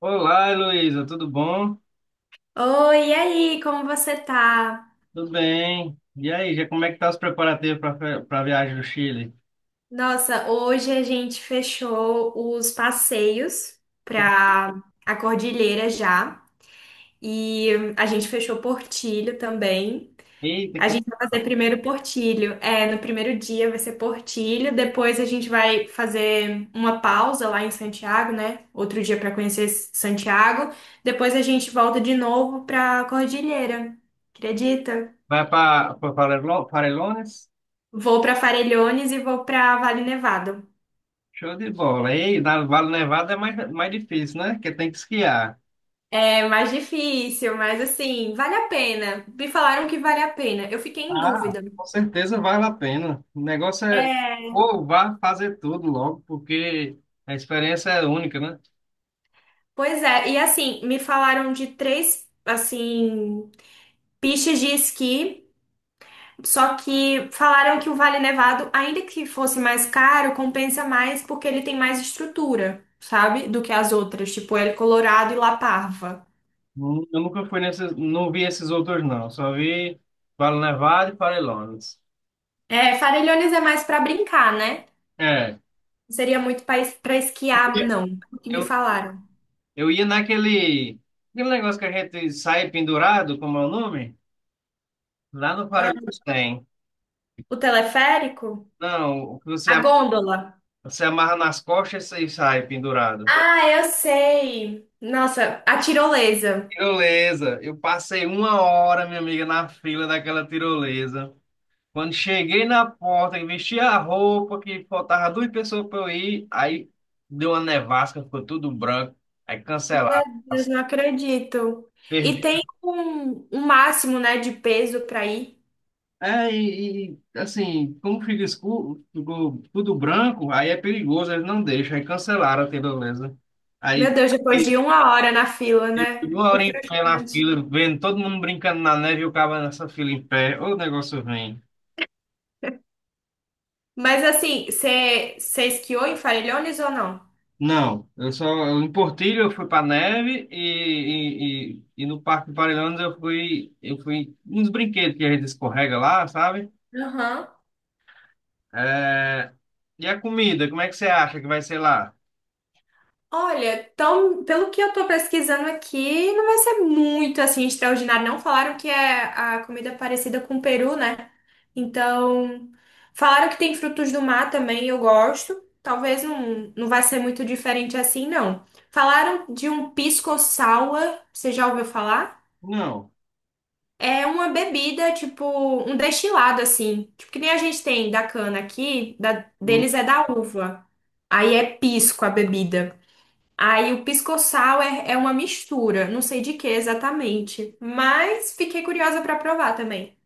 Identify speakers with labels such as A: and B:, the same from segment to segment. A: Olá, Heloísa, tudo bom?
B: Oi, e aí, como você tá?
A: Tudo bem. E aí, já como é que tá os preparativos para a viagem do Chile?
B: Nossa, hoje a gente fechou os passeios pra a Cordilheira já. E a gente fechou Portilho também.
A: Eita,
B: A
A: que
B: gente vai fazer primeiro Portilho. É, no primeiro dia vai ser Portilho, depois a gente vai fazer uma pausa lá em Santiago, né? Outro dia para conhecer Santiago. Depois a gente volta de novo pra Cordilheira. Acredita?
A: vai para Farellones?
B: Vou para Farellones e vou para Vale Nevado.
A: Show de bola. Ei, na Vale Nevado é mais difícil, né? Porque tem que esquiar.
B: É mais difícil, mas assim, vale a pena. Me falaram que vale a pena. Eu fiquei em
A: Ah,
B: dúvida.
A: com certeza vale a pena. O negócio é
B: É,
A: ou vá fazer tudo logo, porque a experiência é única, né?
B: pois é, e assim, me falaram de três, assim, pistas de esqui, só que falaram que o Vale Nevado, ainda que fosse mais caro, compensa mais porque ele tem mais estrutura, sabe? Do que as outras, tipo El Colorado e La Parva.
A: Eu nunca fui nesses, não vi esses outros não. Só vi Vale Nevado e Farellones.
B: É, Farellones é mais pra brincar, né?
A: É.
B: Não seria muito pra esquiar, não, o que me
A: Eu
B: falaram.
A: Eu ia naquele, aquele negócio que a gente sai pendurado, como é o nome? Lá no
B: Ah,
A: Parelheiros tem.
B: o teleférico?
A: Não, o que você,
B: A gôndola.
A: você amarra nas costas e sai pendurado.
B: Ah, eu sei. Nossa, a tirolesa.
A: Tirolesa. Eu passei uma hora, minha amiga, na fila daquela tirolesa. Quando cheguei na porta, que vesti a roupa, que faltava duas pessoas para eu ir, aí deu uma nevasca, ficou tudo branco, aí
B: Meu
A: cancelaram.
B: Deus, não acredito. E
A: Perdi.
B: tem um máximo, né, de peso para ir.
A: É, assim, como fica escuro, ficou tudo branco, aí é perigoso, eles não deixam, aí cancelaram, a menos, né? Aí,
B: Meu Deus, depois
A: e-
B: de uma hora na fila,
A: e
B: né?
A: uma
B: Que
A: hora em pé na
B: frustrante.
A: fila, vendo todo mundo brincando na neve e o cara nessa fila em pé, ô, o negócio vem.
B: Mas assim, você esquiou em Farellones ou não?
A: Não, eu só, em Portilho eu fui pra neve e no Parque Parelhões eu fui, nos brinquedos que a gente escorrega lá, sabe?
B: Aham.
A: É, e a comida, como é que você acha que vai ser lá?
B: Olha, tão, pelo que eu tô pesquisando aqui, não vai ser muito assim extraordinário. Não falaram que é a comida parecida com o peru, né? Então, falaram que tem frutos do mar também, eu gosto. Talvez não, não vai ser muito diferente assim, não. Falaram de um pisco sour, você já ouviu falar?
A: Não.
B: É uma bebida, tipo, um destilado assim. Tipo, que nem a gente tem da cana aqui, deles é da uva. Aí é pisco a bebida. Aí o pisco-sal é, é uma mistura, não sei de que exatamente, mas fiquei curiosa pra provar também.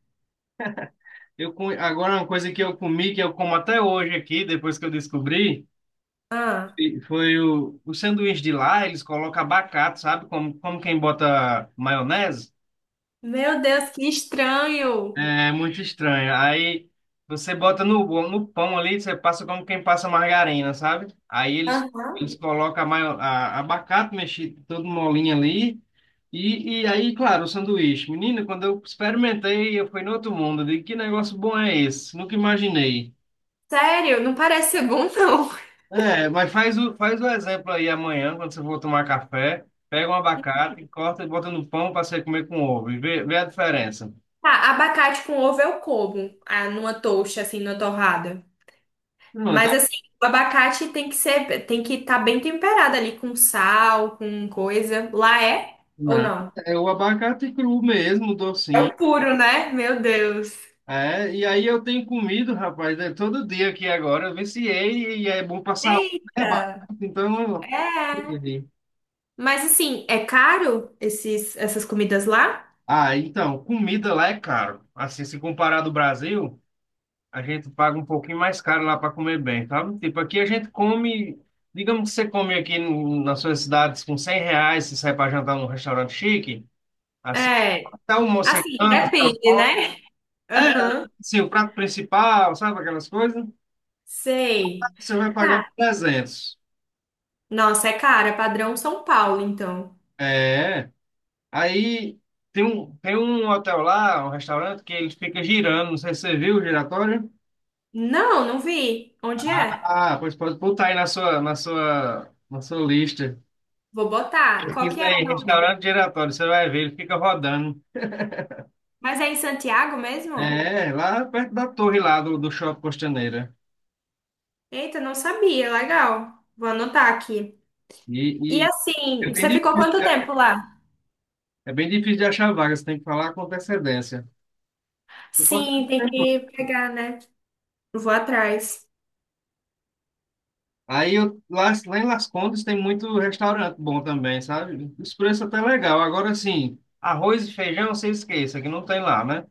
A: Agora, uma coisa que eu comi, que eu como até hoje aqui, depois que eu descobri,
B: Ah,
A: foi o sanduíche de lá, eles colocam abacate, sabe? Como, como quem bota maionese.
B: meu Deus, que estranho!
A: É muito estranho. Aí você bota no, no pão ali, você passa como quem passa margarina, sabe? Aí eles,
B: Aham.
A: eles colocam abacate mexido, todo molinho ali. E aí, claro, o sanduíche. Menino, quando eu experimentei, eu fui no outro mundo. Eu digo, que negócio bom é esse? Nunca imaginei.
B: Sério, não parece ser bom, não.
A: É, mas faz o exemplo aí amanhã, quando você for tomar café, pega um abacate, corta e bota no pão para você comer com ovo e vê, vê a diferença.
B: Tá, abacate com ovo eu como, ah, numa toast, assim, numa torrada.
A: Não,
B: Mas
A: tá
B: assim, o abacate tem que ser, tem que estar bem temperado ali com sal, com coisa. Lá é ou
A: nada.
B: não?
A: É o abacate cru mesmo,
B: É
A: docinho.
B: o puro, né? Meu Deus.
A: É, e aí eu tenho comido, rapaz, né, todo dia aqui agora, eu viciei e é bom pra saúde, né, abacate?
B: Eita!
A: Então, eu não-
B: É. Mas assim, é caro esses, essas comidas lá?
A: ah, então, comida lá é caro. Assim, se comparar do Brasil, a gente paga um pouquinho mais caro lá para comer bem, sabe? Tipo, aqui a gente come, digamos que você come aqui nas suas cidades com 100 reais, você sai para jantar num restaurante chique, assim,
B: É,
A: até o almoço você
B: assim,
A: janta,
B: depende, né? Aham,
A: assim, o prato principal, sabe aquelas coisas?
B: sei.
A: Você vai pagar uns
B: Tá.
A: 300.
B: Nossa, é cara, é padrão São Paulo, então.
A: É, aí tem um hotel lá, um restaurante, que ele fica girando, não sei se você viu o giratório.
B: Não, não vi. Onde é?
A: Ah, pois pode botar aí na sua, na sua, na sua lista.
B: Vou botar. Qual que
A: Pesquisa
B: é o
A: aí,
B: nome?
A: restaurante giratório, você vai ver, ele fica rodando.
B: Mas é em Santiago mesmo?
A: É, lá perto da torre lá do, do Shopping Costaneira.
B: Eita, não sabia. Legal. Vou anotar aqui.
A: E,
B: E
A: e
B: assim,
A: é bem
B: você ficou
A: difícil,
B: quanto
A: né?
B: tempo lá?
A: É bem difícil de achar vaga, você tem que falar com antecedência. Eu posso ter
B: Sim, tem
A: tempo.
B: que pegar, né? Vou atrás.
A: Aí eu, lá, lá em Las Condes tem muito restaurante bom também, sabe? Os preços até legal. Agora sim, arroz e feijão, você esqueça, que não tem lá, né?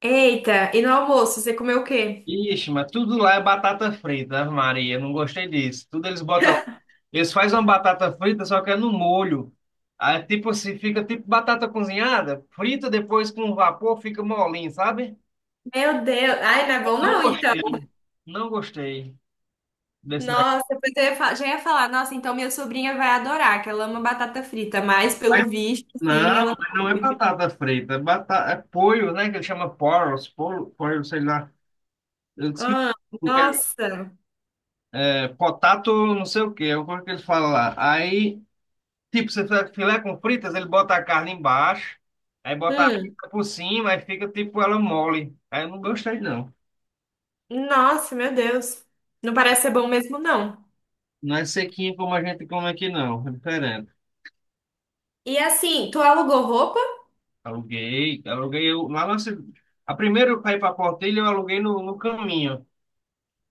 B: Eita, e no almoço, você comeu o quê?
A: Ixi, mas tudo lá é batata frita, Ave Maria, não gostei disso. Tudo eles botam. Eles fazem uma batata frita, só que é no molho. Aí, tipo assim, fica tipo batata cozinhada, frita depois com vapor, fica molinho, sabe?
B: Meu Deus. Ai, não é bom
A: Não
B: não, então.
A: gostei. Não gostei desse negócio.
B: Nossa, depois eu ia fa- já ia falar, nossa, então minha sobrinha vai adorar, que ela ama batata frita, mas
A: Mas,
B: pelo visto, sim,
A: não,
B: ela não
A: mas não é
B: come.
A: batata frita, é, batata, é polho, né? Que ele chama poros, polho, polho, sei lá. Eu esqueci
B: Ah,
A: o que é.
B: nossa.
A: É potato, não sei o que, é o que ele fala lá. Aí, tipo, você faz filé com fritas, ele bota a carne embaixo, aí bota a
B: Hum,
A: frita por cima, aí fica tipo ela mole. Aí eu não gostei, não.
B: nossa, meu Deus. Não parece ser bom mesmo, não.
A: Não é sequinho como a gente come aqui, não. É diferente.
B: E assim, tu alugou roupa?
A: Aluguei, eu, a primeira para ir para Portilho, eu aluguei no, no caminho.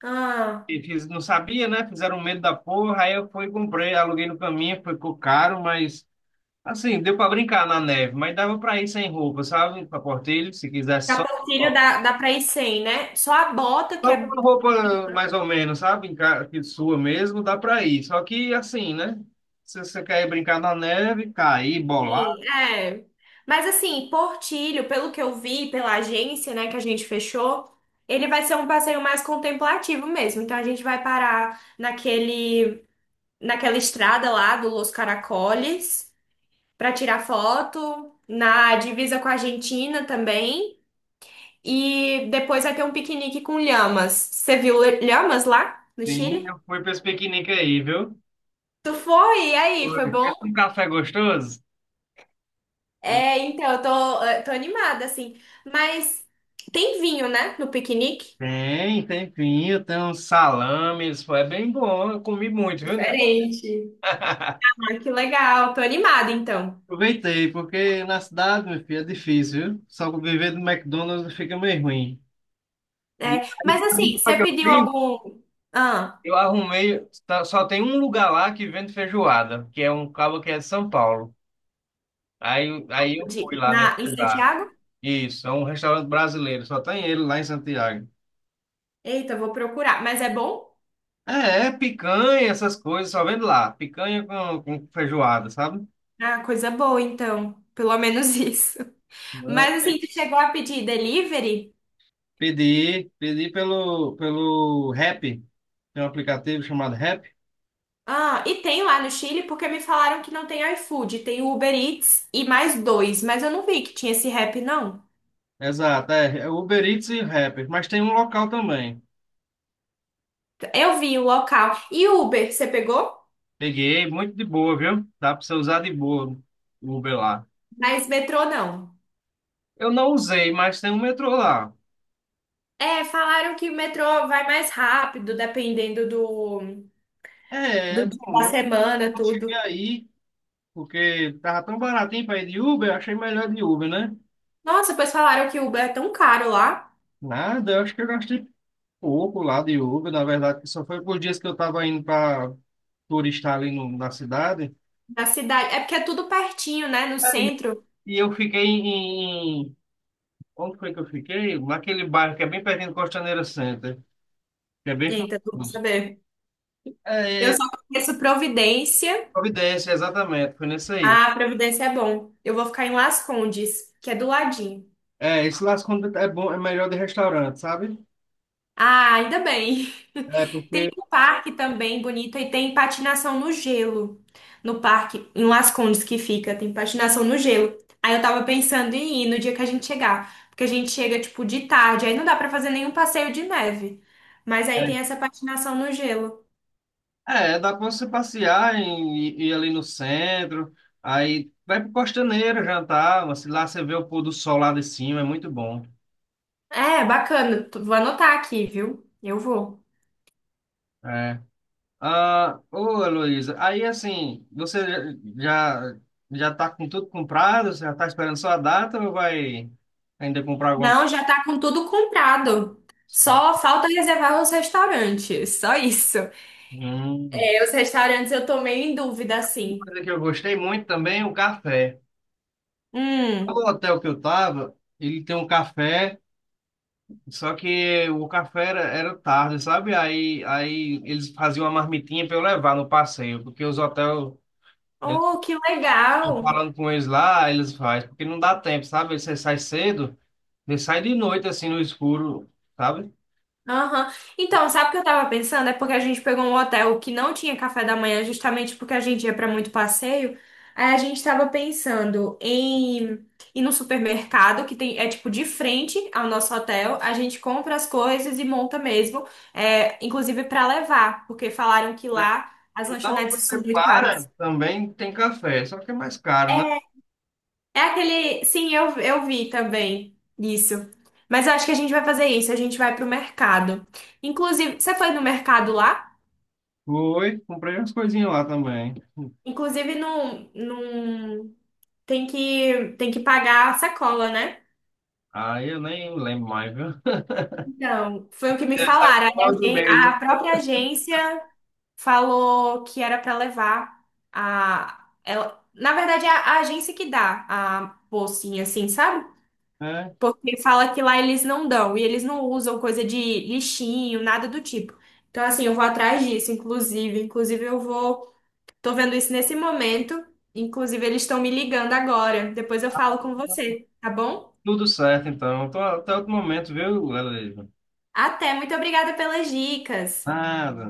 B: Ah,
A: E fiz, não sabia, né? Fizeram medo da porra, aí eu fui e comprei, aluguei no caminho, ficou caro, mas assim, deu para brincar na neve, mas dava para ir sem roupa, sabe? Para Portilho, se quisesse só
B: sapatilho dá, dá pra ir sem, né? Só a bota que
A: com
B: é
A: uma roupa mais ou menos, sabe? Que sua mesmo, dá para ir. Só que assim, né? Se você quer ir brincar na neve, cair, bolar,
B: sim, é. Mas assim, Portilho, pelo que eu vi pela agência, né, que a gente fechou, ele vai ser um passeio mais contemplativo mesmo. Então a gente vai parar naquele, naquela estrada lá do Los Caracoles para tirar foto, na divisa com a Argentina também. E depois vai ter um piquenique com lhamas. Você viu lhamas lá no
A: sim,
B: Chile?
A: eu fui para esse piquenique aí, viu?
B: Tu foi? E aí,
A: Oi,
B: foi bom?
A: pensa num café gostoso? Ele.
B: É, então, eu tô animada, assim. Mas tem vinho, né, no piquenique?
A: Tem pinho, tem uns salames, pô, é bem bom, eu comi muito, viu, né?
B: Diferente. Ah, que legal, tô animada, então.
A: Aproveitei, porque na cidade, meu filho, é difícil, viu? Só que viver do McDonald's fica meio ruim.
B: É, mas assim,
A: Aí, sabe o
B: você
A: que eu
B: pediu
A: fiz?
B: algum... Ah,
A: Eu arrumei, tá, só tem um lugar lá que vende feijoada, que é um cabo que é de São Paulo. Aí eu fui
B: de,
A: lá nesse
B: na, em
A: lugar.
B: Santiago?
A: Isso, é um restaurante brasileiro, só tem ele lá em Santiago.
B: Eita, vou procurar. Mas é bom?
A: É, é, picanha, essas coisas, só vendo lá. Picanha com feijoada, sabe?
B: Ah, coisa boa, então. Pelo menos isso.
A: Mas.
B: Mas assim, tu chegou a pedir delivery?
A: Pedi pelo Rappi. Tem um aplicativo chamado Rappi.
B: Ah, e tem lá no Chile, porque me falaram que não tem iFood, tem Uber Eats e mais dois, mas eu não vi que tinha esse rap, não.
A: Exato, é, Uber Eats e Rappi. Mas tem um local também.
B: Eu vi o local. E Uber, você pegou?
A: Peguei, muito de boa, viu? Dá pra você usar de boa o Uber lá.
B: Mas metrô não.
A: Eu não usei, mas tem um metrô lá.
B: É, falaram que o metrô vai mais rápido, dependendo do,
A: É,
B: do dia da
A: não, eu
B: semana,
A: não cheguei
B: tudo.
A: aí, porque tava tão baratinho pra ir de Uber, eu achei melhor de Uber, né?
B: Nossa, depois falaram que o Uber é tão caro lá
A: Nada, eu acho que eu gastei Uber lá de Uber, na verdade, que só foi por dias que eu estava indo para turistar ali na cidade.
B: na cidade. É porque é tudo pertinho, né? No
A: Aí,
B: centro.
A: e eu fiquei onde foi que eu fiquei? Naquele bairro que é bem pertinho do Costaneira Center, que é bem
B: Eita, tu vou
A: famoso.
B: saber.
A: É,
B: Eu
A: é,
B: só conheço Providência.
A: Providência, exatamente, foi nesse aí.
B: Ah, Providência é bom. Eu vou ficar em Las Condes, que é do ladinho.
A: É, esse lá quando é bom, é melhor de restaurante, sabe?
B: Ah, ainda bem.
A: É,
B: Tem
A: porque...
B: um parque também bonito e tem patinação no gelo. No parque, em Las Condes que fica, tem patinação no gelo. Aí eu tava pensando em ir no dia que a gente chegar, porque a gente chega tipo de tarde, aí não dá pra fazer nenhum passeio de neve. Mas aí
A: É,
B: tem essa patinação no gelo.
A: é, dá para você passear e ir ali no centro, aí vai para Costaneira jantar, mas lá você vê o pôr do sol lá de cima, é muito bom.
B: É, bacana. Tu- Vou anotar aqui, viu? Eu vou.
A: É. Ah, ô, Heloísa, aí assim, você já já está com tudo comprado? Você já está esperando só a data ou vai ainda comprar alguma
B: Não,
A: coisa?
B: já tá com tudo comprado.
A: Ah,
B: Só falta reservar os restaurantes, só isso.
A: hum.
B: É, os restaurantes eu tô meio em dúvida
A: Uma
B: assim.
A: coisa que eu gostei muito também é o café.
B: Hum.
A: O hotel que eu tava, ele tem um café, só que o café era tarde, sabe? Aí eles faziam uma marmitinha para eu levar no passeio, porque os hotéis, eles,
B: Oh, que legal!
A: falando com eles lá, eles fazem, porque não dá tempo, sabe? Você sai cedo. Ele sai de noite, assim, no escuro, sabe?
B: Aham. Então, sabe o que eu tava pensando? É porque a gente pegou um hotel que não tinha café da manhã, justamente porque a gente ia pra muito passeio. Aí a gente tava pensando em ir no supermercado, que tem, é tipo de frente ao nosso hotel. A gente compra as coisas e monta mesmo, é, inclusive pra levar, porque falaram que lá as
A: E lá onde
B: lanchonetes
A: você
B: são muito
A: para,
B: caras.
A: também tem café, só que é mais caro, né?
B: É. É aquele. Sim, eu vi também isso. Mas eu acho que a gente vai fazer isso. A gente vai pro mercado. Inclusive, você foi no mercado lá?
A: Foi, comprei umas coisinhas lá também.
B: Inclusive, não, não tem que pagar a sacola, né?
A: Aí eu nem lembro mais, viu?
B: Então, foi o que me
A: Essa
B: falaram. Aí A,
A: coisa
B: gen-
A: mesmo.
B: a própria agência falou que era para levar a. Ela, na verdade, é a agência que dá a bolsinha, assim, sabe?
A: É,
B: Porque fala que lá eles não dão, e eles não usam coisa de lixinho, nada do tipo. Então, assim, eu vou atrás disso, inclusive. Inclusive, eu vou. Tô vendo isso nesse momento. Inclusive, eles estão me ligando agora. Depois eu falo com você, tá bom?
A: tudo certo, então. Tô, até outro momento, viu, Leleiro?
B: Até, muito obrigada pelas dicas.
A: Nada.